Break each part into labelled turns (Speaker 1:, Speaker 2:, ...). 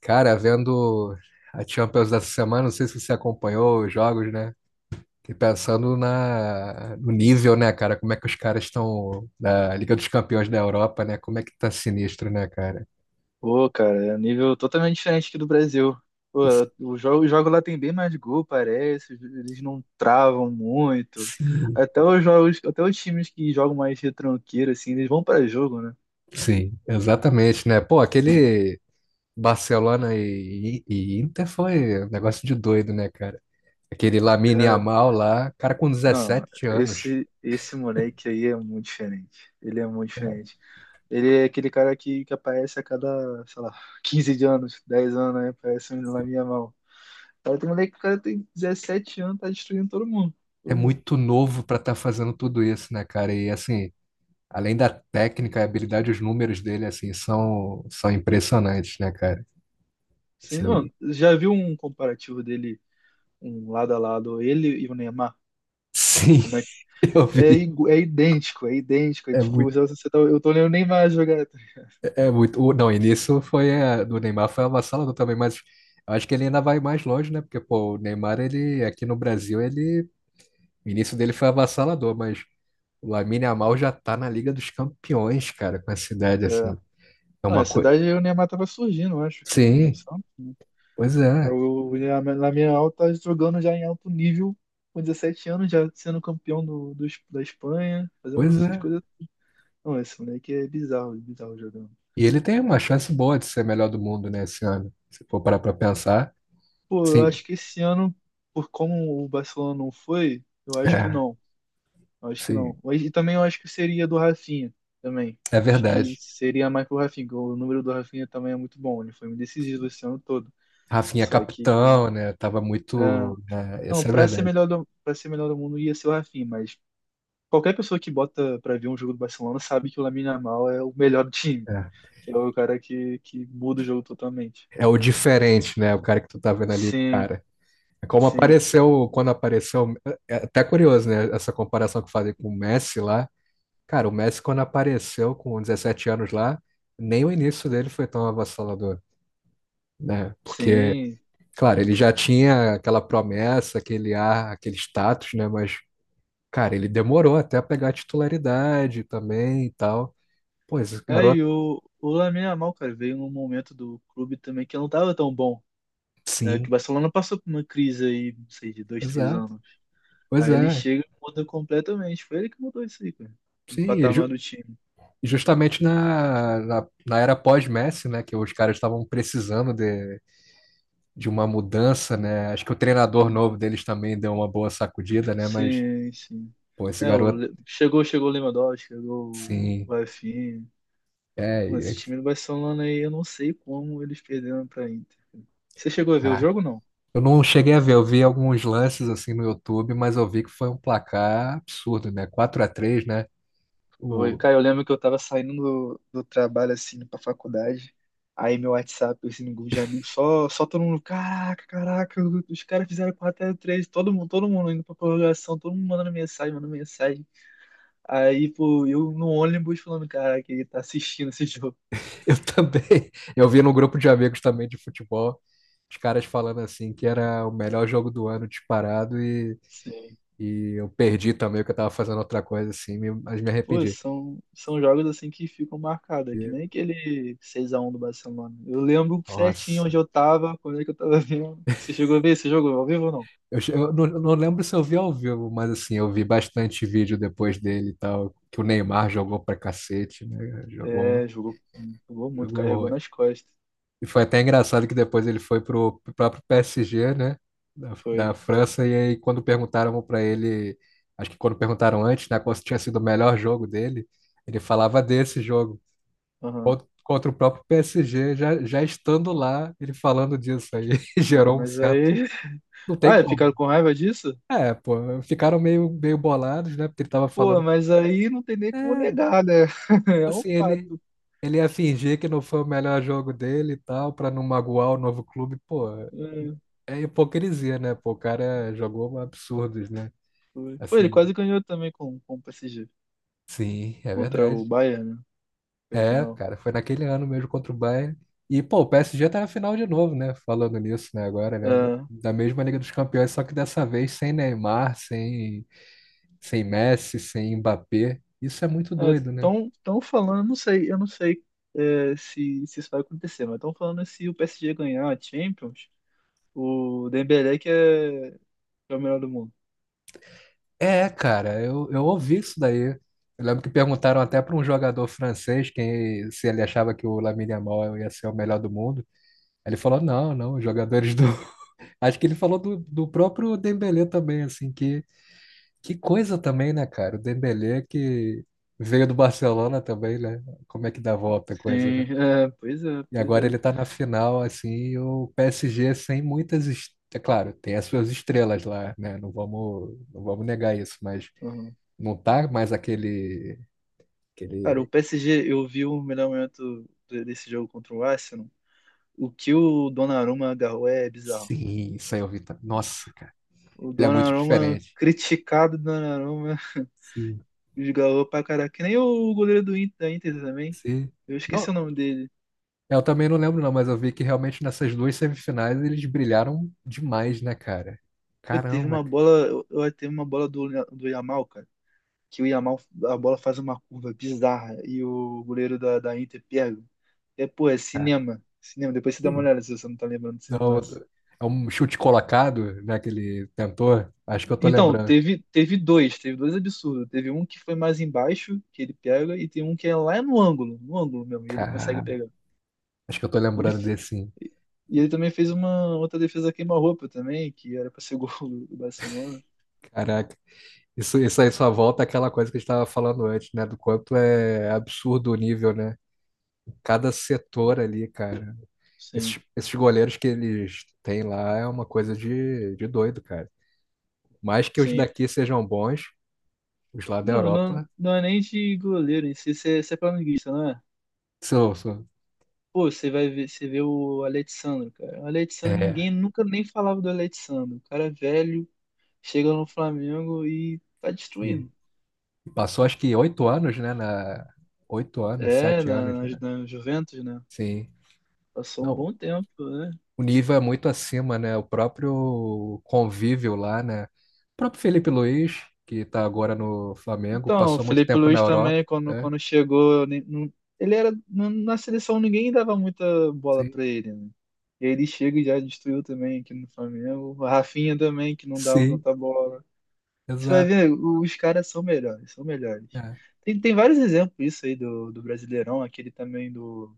Speaker 1: Cara, vendo a Champions dessa semana, não sei se você acompanhou os jogos, né? E pensando no nível, né, cara? Como é que os caras estão na Liga dos Campeões da Europa, né? Como é que tá sinistro, né, cara?
Speaker 2: Pô, cara, é um nível totalmente diferente aqui do Brasil. Pô, o jogo lá tem bem mais gol, parece. Eles não travam muito.
Speaker 1: Sim.
Speaker 2: Até os times que jogam mais retranqueiro, assim, eles vão pra jogo, né?
Speaker 1: Sim, exatamente, né? Pô, aquele Barcelona e Inter foi um negócio de doido, né, cara? Aquele Lamine
Speaker 2: Cara,
Speaker 1: Yamal lá, cara, com
Speaker 2: não,
Speaker 1: 17 anos.
Speaker 2: esse moleque aí é muito diferente. Ele é muito diferente. Ele é aquele cara que aparece a cada, sei lá, 15 de anos, 10 anos, né? Aparece um na minha mão. Cara, tem moleque que o cara tem 17 anos, tá destruindo todo mundo.
Speaker 1: É
Speaker 2: Todo mundo.
Speaker 1: muito novo pra estar fazendo tudo isso, né, cara? E assim, além da técnica, a habilidade, os números dele, assim, são, são impressionantes, né, cara?
Speaker 2: Sim, não,
Speaker 1: Assim,
Speaker 2: já viu um comparativo dele, um lado a lado, ele e o Neymar?
Speaker 1: sim,
Speaker 2: Como é que.
Speaker 1: eu
Speaker 2: É,
Speaker 1: vi.
Speaker 2: é idêntico, é idêntico. É
Speaker 1: É
Speaker 2: tipo,
Speaker 1: muito,
Speaker 2: eu tô olhando o Neymar jogar, tá?
Speaker 1: é muito. Não, e nisso foi do Neymar foi avassalador também, mas eu acho que ele ainda vai mais longe, né? Porque, pô, o Neymar, ele, aqui no Brasil, ele, o início dele foi avassalador, mas o Lamine Yamal já tá na Liga dos Campeões, cara, com essa idade,
Speaker 2: É,
Speaker 1: assim. É
Speaker 2: não,
Speaker 1: uma
Speaker 2: essa
Speaker 1: coisa.
Speaker 2: idade aí o Neymar tava surgindo, eu acho, que no
Speaker 1: Sim,
Speaker 2: Santos, né?
Speaker 1: pois
Speaker 2: Aí
Speaker 1: é,
Speaker 2: o Lamine tá jogando já em alto nível, com 17 anos, já sendo campeão da Espanha, fazendo
Speaker 1: pois
Speaker 2: essas
Speaker 1: é.
Speaker 2: coisas. Não, esse moleque é bizarro, bizarro jogando.
Speaker 1: E ele tem uma chance boa de ser melhor do mundo, né, esse ano. Se for parar pra pensar.
Speaker 2: Pô, eu
Speaker 1: Sim,
Speaker 2: acho que esse ano, por como o Barcelona não foi, eu acho que
Speaker 1: é,
Speaker 2: não. Eu acho que
Speaker 1: sim,
Speaker 2: não. E também eu acho que seria do Rafinha também.
Speaker 1: é
Speaker 2: Acho que
Speaker 1: verdade.
Speaker 2: seria mais pro Rafinha, porque o número do Rafinha também é muito bom. Ele foi muito decisivo esse ano todo.
Speaker 1: Rafinha é
Speaker 2: Só que.
Speaker 1: capitão, né? Tava
Speaker 2: É,
Speaker 1: muito. É,
Speaker 2: não,
Speaker 1: essa é a
Speaker 2: pra ser
Speaker 1: verdade.
Speaker 2: melhor do, pra ser melhor do mundo ia ser o Rafinha, mas qualquer pessoa que bota pra ver um jogo do Barcelona sabe que o Lamine Yamal é o melhor do time.
Speaker 1: É.
Speaker 2: Que é o cara que muda o jogo totalmente.
Speaker 1: É o diferente, né? O cara que tu tá vendo ali,
Speaker 2: Sim,
Speaker 1: cara. É. Como
Speaker 2: sim,
Speaker 1: apareceu, quando apareceu, é até curioso, né? Essa comparação que eu falei com o Messi lá. Cara, o Messi, quando apareceu com 17 anos lá, nem o início dele foi tão avassalador, né? Porque,
Speaker 2: sim.
Speaker 1: claro, ele já tinha aquela promessa, aquele ar, aquele status, né? Mas cara, ele demorou até a pegar a titularidade também e tal. Pô, esse
Speaker 2: É,
Speaker 1: garoto.
Speaker 2: e o Lamine Yamal, cara, veio num momento do clube também que não tava tão bom, né, que
Speaker 1: Sim,
Speaker 2: o Barcelona passou por uma crise aí, não sei, de 2, 3
Speaker 1: exato.
Speaker 2: anos.
Speaker 1: Pois
Speaker 2: Aí ele
Speaker 1: é.
Speaker 2: chega e muda completamente. Foi ele que mudou isso aí, cara. O
Speaker 1: Sim, e
Speaker 2: patamar do time.
Speaker 1: justamente na era pós-Messi, né? Que os caras estavam precisando de uma mudança, né? Acho que o treinador
Speaker 2: Não,
Speaker 1: novo
Speaker 2: não.
Speaker 1: deles também deu uma boa sacudida, né? Mas,
Speaker 2: Sim, sim.
Speaker 1: pô, esse
Speaker 2: É,
Speaker 1: garoto,
Speaker 2: Chegou o Lewandowski, chegou o
Speaker 1: sim.
Speaker 2: Rafinha.
Speaker 1: É,
Speaker 2: Mano,
Speaker 1: é,
Speaker 2: esse time do Barcelona aí, eu não sei como eles perderam pra Inter, cara. Você chegou a ver o
Speaker 1: cara.
Speaker 2: jogo, não?
Speaker 1: Eu não cheguei a ver, eu vi alguns lances assim no YouTube, mas eu vi que foi um placar absurdo, né? 4 a 3, né?
Speaker 2: Foi,
Speaker 1: O,
Speaker 2: cara, eu lembro que eu tava saindo do trabalho, assim, pra faculdade, aí meu WhatsApp, assim, no grupo de amigos, só todo mundo, caraca, caraca, os caras fizeram 4-3, todo mundo indo pra prorrogação, todo mundo mandando mensagem, mandando mensagem. Aí, pô, eu no ônibus falando, caraca, ele tá assistindo esse jogo.
Speaker 1: eu também. Eu vi num grupo de amigos também de futebol, os caras falando assim que era o melhor jogo do ano disparado
Speaker 2: Sim.
Speaker 1: e eu perdi também, que eu tava fazendo outra coisa assim, mas me
Speaker 2: Pô,
Speaker 1: arrependi.
Speaker 2: são jogos, assim, que ficam marcados, é que
Speaker 1: E,
Speaker 2: nem aquele 6-1 do Barcelona. Eu lembro certinho onde
Speaker 1: nossa.
Speaker 2: eu tava, quando é que eu tava vendo. Você chegou a ver esse jogo ao vivo ou não?
Speaker 1: Eu, eu não lembro se eu vi ao vivo, mas assim, eu vi bastante vídeo depois dele e tal, que o Neymar jogou pra cacete, né?
Speaker 2: É,
Speaker 1: Jogou,
Speaker 2: jogou, jogou muito,
Speaker 1: jogou
Speaker 2: carregou
Speaker 1: horrores.
Speaker 2: nas costas.
Speaker 1: E foi até engraçado que depois ele foi pro próprio PSG, né? Da
Speaker 2: Foi.
Speaker 1: França, e aí quando perguntaram para ele, acho que quando perguntaram antes, né, qual tinha sido o melhor jogo dele, ele falava desse jogo.
Speaker 2: Aham.
Speaker 1: Contra o próprio PSG, já, já estando lá, ele falando disso aí,
Speaker 2: Ah,
Speaker 1: gerou um
Speaker 2: mas
Speaker 1: certo.
Speaker 2: aí.
Speaker 1: Não tem
Speaker 2: Ah, é,
Speaker 1: como.
Speaker 2: ficaram com raiva disso?
Speaker 1: É, pô, ficaram meio, meio bolados, né? Porque ele tava
Speaker 2: Pô,
Speaker 1: falando.
Speaker 2: mas aí não tem nem como
Speaker 1: É,
Speaker 2: negar, né? É um
Speaker 1: assim, ele,
Speaker 2: fato.
Speaker 1: ele ia fingir que não foi o melhor jogo dele e tal, pra não magoar o novo clube. Pô,
Speaker 2: É,
Speaker 1: é hipocrisia, né? Pô, o cara jogou absurdos, né?
Speaker 2: foi. Foi, ele
Speaker 1: Assim,
Speaker 2: quase ganhou também com o PSG.
Speaker 1: sim, é
Speaker 2: Contra o
Speaker 1: verdade.
Speaker 2: Bayern, né? Foi
Speaker 1: É,
Speaker 2: final.
Speaker 1: cara, foi naquele ano mesmo contra o Bayern. E, pô, o PSG tá na final de novo, né? Falando nisso, né? Agora, né?
Speaker 2: É,
Speaker 1: Da mesma Liga dos Campeões, só que dessa vez sem Neymar, sem, sem Messi, sem Mbappé. Isso é muito doido, né?
Speaker 2: estão tão, falando, não sei, eu não sei é, se isso vai acontecer, mas estão falando se o PSG ganhar a Champions, o Dembélé que é o melhor do mundo.
Speaker 1: É, cara, eu ouvi isso daí. Eu lembro que perguntaram até para um jogador francês quem, se ele achava que o Lamine Yamal ia ser o melhor do mundo. Ele falou: não, não, os jogadores do, acho que ele falou do próprio Dembélé também, assim, que coisa também, né, cara? O Dembélé que veio do Barcelona também, né? Como é que dá a volta a coisa, né?
Speaker 2: Sim, é, pois é,
Speaker 1: E
Speaker 2: pois
Speaker 1: agora
Speaker 2: é.
Speaker 1: ele tá na final, assim, e o PSG sem muitas... É claro, tem as suas estrelas lá, né? Não vamos, não vamos negar isso, mas não tá mais aquele...
Speaker 2: Cara, o
Speaker 1: aquele...
Speaker 2: PSG, eu vi o melhor momento desse jogo contra o Arsenal. O que o Donnarumma agarrou é bizarro.
Speaker 1: Sim, isso aí eu vi. Nossa, cara,
Speaker 2: O
Speaker 1: ele é muito
Speaker 2: Donnarumma,
Speaker 1: diferente.
Speaker 2: criticado Donnarumma,
Speaker 1: Sim,
Speaker 2: desgarrou pra caraca. Que nem o goleiro do Inter, da Inter também.
Speaker 1: sim.
Speaker 2: Eu esqueci o
Speaker 1: Não,
Speaker 2: nome dele.
Speaker 1: é, eu também não lembro, não, mas eu vi que realmente nessas duas semifinais eles brilharam demais, né, cara?
Speaker 2: Pô, teve
Speaker 1: Caramba,
Speaker 2: uma bola, teve uma bola do Yamal, cara. Que o Yamal, a bola faz uma curva bizarra e o goleiro da Inter pega. É, pô, é
Speaker 1: cara.
Speaker 2: cinema. Cinema. Depois você dá uma
Speaker 1: Sim.
Speaker 2: olhada se você não tá lembrando desse
Speaker 1: Não,
Speaker 2: lance.
Speaker 1: é um chute colocado, né, que ele tentou. Acho que eu tô
Speaker 2: Então,
Speaker 1: lembrando.
Speaker 2: teve dois absurdos. Teve um que foi mais embaixo, que ele pega, e tem um que é lá no ângulo, no ângulo mesmo, e ele consegue
Speaker 1: Cara,
Speaker 2: pegar.
Speaker 1: acho que eu tô
Speaker 2: Ele,
Speaker 1: lembrando desse, sim.
Speaker 2: e ele também fez uma outra defesa queima-roupa também, que era pra ser gol do Barcelona.
Speaker 1: Caraca. Isso aí só volta àquela coisa que a gente tava falando antes, né? Do quanto é absurdo o nível, né? Cada setor ali, cara. Esses,
Speaker 2: Sim,
Speaker 1: esses goleiros que eles têm lá é uma coisa de doido, cara. Mais que os
Speaker 2: sim.
Speaker 1: daqui sejam bons, os lá da
Speaker 2: Não, não,
Speaker 1: Europa
Speaker 2: não é nem de goleiro, você é flamenguista, não é?
Speaker 1: são, são
Speaker 2: Pô, você vai ver, você vê o Alexandre, cara. O Alexandre,
Speaker 1: é,
Speaker 2: ninguém nunca nem falava do Alexandre. O cara é velho, chega no Flamengo e tá
Speaker 1: e
Speaker 2: destruindo.
Speaker 1: passou acho que 8 anos, né, na 8 anos,
Speaker 2: É,
Speaker 1: 7 anos,
Speaker 2: na,
Speaker 1: né?
Speaker 2: na, na Juventus, né?
Speaker 1: Sim.
Speaker 2: Passou um
Speaker 1: Não,
Speaker 2: bom tempo, né?
Speaker 1: o nível é muito acima, né? O próprio convívio lá, né? O próprio Felipe Luiz, que está agora no Flamengo,
Speaker 2: Então, o
Speaker 1: passou muito
Speaker 2: Felipe
Speaker 1: tempo na
Speaker 2: Luiz
Speaker 1: Europa,
Speaker 2: também, quando,
Speaker 1: né?
Speaker 2: quando chegou, eu nem- não- ele era. Não- na seleção ninguém dava muita bola
Speaker 1: Sim.
Speaker 2: pra ele, né? E aí ele chega e já destruiu também aqui no Flamengo. O Rafinha também, que não dava
Speaker 1: Sim,
Speaker 2: tanta bola. Você vai
Speaker 1: exato.
Speaker 2: ver, os caras são melhores, são melhores.
Speaker 1: É.
Speaker 2: Tem vários exemplos isso aí do Brasileirão, aquele também do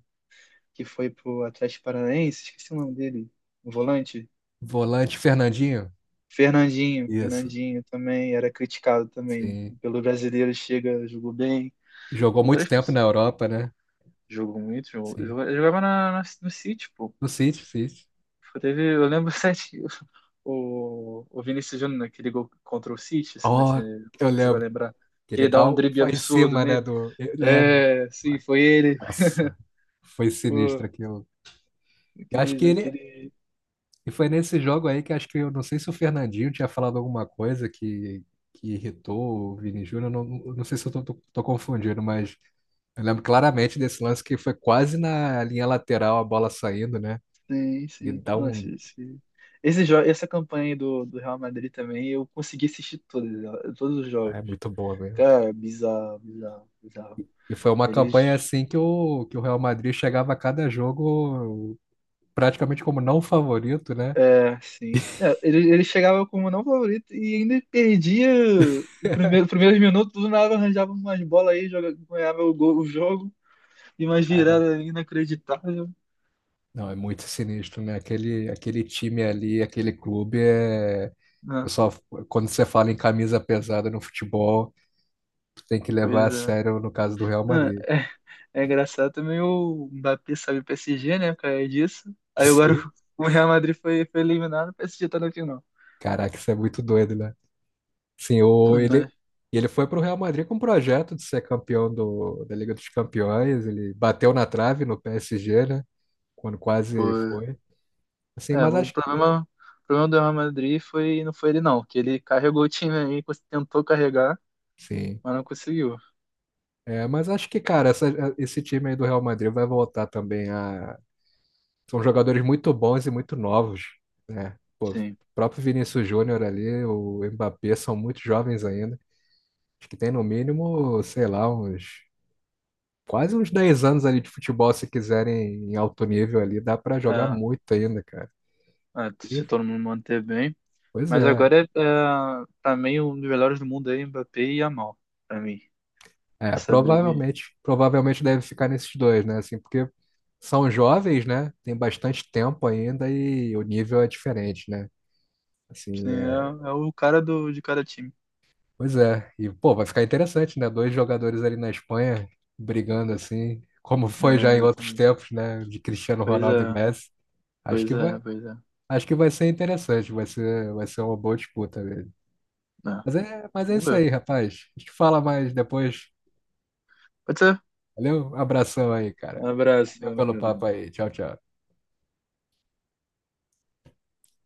Speaker 2: que foi pro Atlético Paranaense, esqueci o nome dele, o volante.
Speaker 1: Volante Fernandinho,
Speaker 2: Fernandinho,
Speaker 1: isso.
Speaker 2: Fernandinho também era criticado também
Speaker 1: Sim.
Speaker 2: pelo brasileiro, chega, jogou bem.
Speaker 1: Jogou
Speaker 2: E
Speaker 1: muito
Speaker 2: várias
Speaker 1: tempo
Speaker 2: pessoas
Speaker 1: na Europa, né?
Speaker 2: jogou muito, jogou,
Speaker 1: Sim.
Speaker 2: jogava, jogava no City, pô.
Speaker 1: No City, City.
Speaker 2: Eu lembro sete, o Vinícius Júnior naquele gol contra o City, se, né, se,
Speaker 1: Oh, eu
Speaker 2: se você vai
Speaker 1: lembro
Speaker 2: lembrar,
Speaker 1: que
Speaker 2: que
Speaker 1: ele
Speaker 2: ele dá
Speaker 1: dá
Speaker 2: um
Speaker 1: o,
Speaker 2: drible
Speaker 1: foi em
Speaker 2: absurdo
Speaker 1: cima, né,
Speaker 2: nele.
Speaker 1: do... Eu lembro.
Speaker 2: É, sim, foi ele.
Speaker 1: Nossa, foi sinistro
Speaker 2: Pô,
Speaker 1: aquilo. Eu acho
Speaker 2: aquele,
Speaker 1: que
Speaker 2: jogo
Speaker 1: ele...
Speaker 2: aquele.
Speaker 1: E foi nesse jogo aí que acho que eu não sei se o Fernandinho tinha falado alguma coisa que irritou o Vini Júnior. Não, não sei se eu tô confundindo, mas eu lembro claramente desse lance que foi quase na linha lateral a bola saindo, né?
Speaker 2: Sim,
Speaker 1: Ele
Speaker 2: sim.
Speaker 1: dá
Speaker 2: Nossa,
Speaker 1: um.
Speaker 2: essa campanha aí do Real Madrid também, eu consegui assistir todas, todos os
Speaker 1: Ah, é
Speaker 2: jogos.
Speaker 1: muito boa mesmo, cara.
Speaker 2: Cara, bizarro, bizarro, bizarro.
Speaker 1: E foi uma
Speaker 2: Eles.
Speaker 1: campanha assim que o Real Madrid chegava a cada jogo praticamente como não favorito, né?
Speaker 2: É, sim. É, ele chegava como não favorito e ainda perdia os primeiros minutos, do nada arranjava umas bolas aí, ganhava o jogo e umas viradas inacreditáveis.
Speaker 1: Não, é muito sinistro, né? Aquele, aquele time ali, aquele clube é. Eu
Speaker 2: Não,
Speaker 1: só, quando você fala em camisa pesada no futebol, tu tem que levar a
Speaker 2: pois é.
Speaker 1: sério no caso do Real
Speaker 2: Não,
Speaker 1: Madrid.
Speaker 2: é. É engraçado também o Mbappé sabe o PSG, né? Por causa disso. Aí agora
Speaker 1: Sim.
Speaker 2: o Real Madrid foi, eliminado, o PSG tá na final.
Speaker 1: Caraca, isso é muito doido, né? Sim,
Speaker 2: Pô,
Speaker 1: ou ele,
Speaker 2: mas,
Speaker 1: e ele foi para o Real Madrid com um projeto de ser campeão do, da Liga dos Campeões. Ele bateu na trave no PSG, né? Quando quase
Speaker 2: pô,
Speaker 1: foi. Assim,
Speaker 2: é,
Speaker 1: mas
Speaker 2: o
Speaker 1: acho,
Speaker 2: problema, o problema do Real Madrid foi, não foi ele não, que ele carregou o time aí, tentou carregar,
Speaker 1: sim.
Speaker 2: mas não conseguiu.
Speaker 1: É, mas acho que, cara, esse time aí do Real Madrid vai voltar também a são jogadores muito bons e muito novos, né?
Speaker 2: Sim,
Speaker 1: O próprio Vinícius Júnior ali, o Mbappé, são muito jovens ainda. Acho que tem no mínimo, sei lá, uns quase uns 10 anos ali de futebol, se quiserem em alto nível ali, dá pra jogar
Speaker 2: é,
Speaker 1: muito ainda, cara.
Speaker 2: é,
Speaker 1: E,
Speaker 2: se todo mundo manter bem.
Speaker 1: pois
Speaker 2: Mas
Speaker 1: é.
Speaker 2: agora é, pra mim, um dos melhores do mundo aí, Mbappé e Yamal, pra mim.
Speaker 1: É,
Speaker 2: Essa briga aí.
Speaker 1: provavelmente, provavelmente deve ficar nesses dois, né? Assim, porque são jovens, né? Tem bastante tempo ainda e o nível é diferente, né?
Speaker 2: Sim,
Speaker 1: Assim,
Speaker 2: é o cara de cada time.
Speaker 1: pois é, e pô, vai ficar interessante, né? Dois jogadores ali na Espanha brigando assim, como foi já
Speaker 2: É,
Speaker 1: em outros
Speaker 2: exatamente.
Speaker 1: tempos, né? De Cristiano
Speaker 2: Pois
Speaker 1: Ronaldo e
Speaker 2: é,
Speaker 1: Messi. Acho
Speaker 2: pois
Speaker 1: que
Speaker 2: é,
Speaker 1: vai,
Speaker 2: pois é.
Speaker 1: acho que vai ser interessante, vai ser uma boa disputa mesmo.
Speaker 2: É,
Speaker 1: Mas é
Speaker 2: vamos
Speaker 1: isso
Speaker 2: ver.
Speaker 1: aí, rapaz. A gente fala mais depois.
Speaker 2: Pode ser.
Speaker 1: Valeu, um abração aí, cara.
Speaker 2: Um abraço,
Speaker 1: Valeu
Speaker 2: vamos
Speaker 1: pelo papo
Speaker 2: junto.
Speaker 1: aí. Tchau, tchau.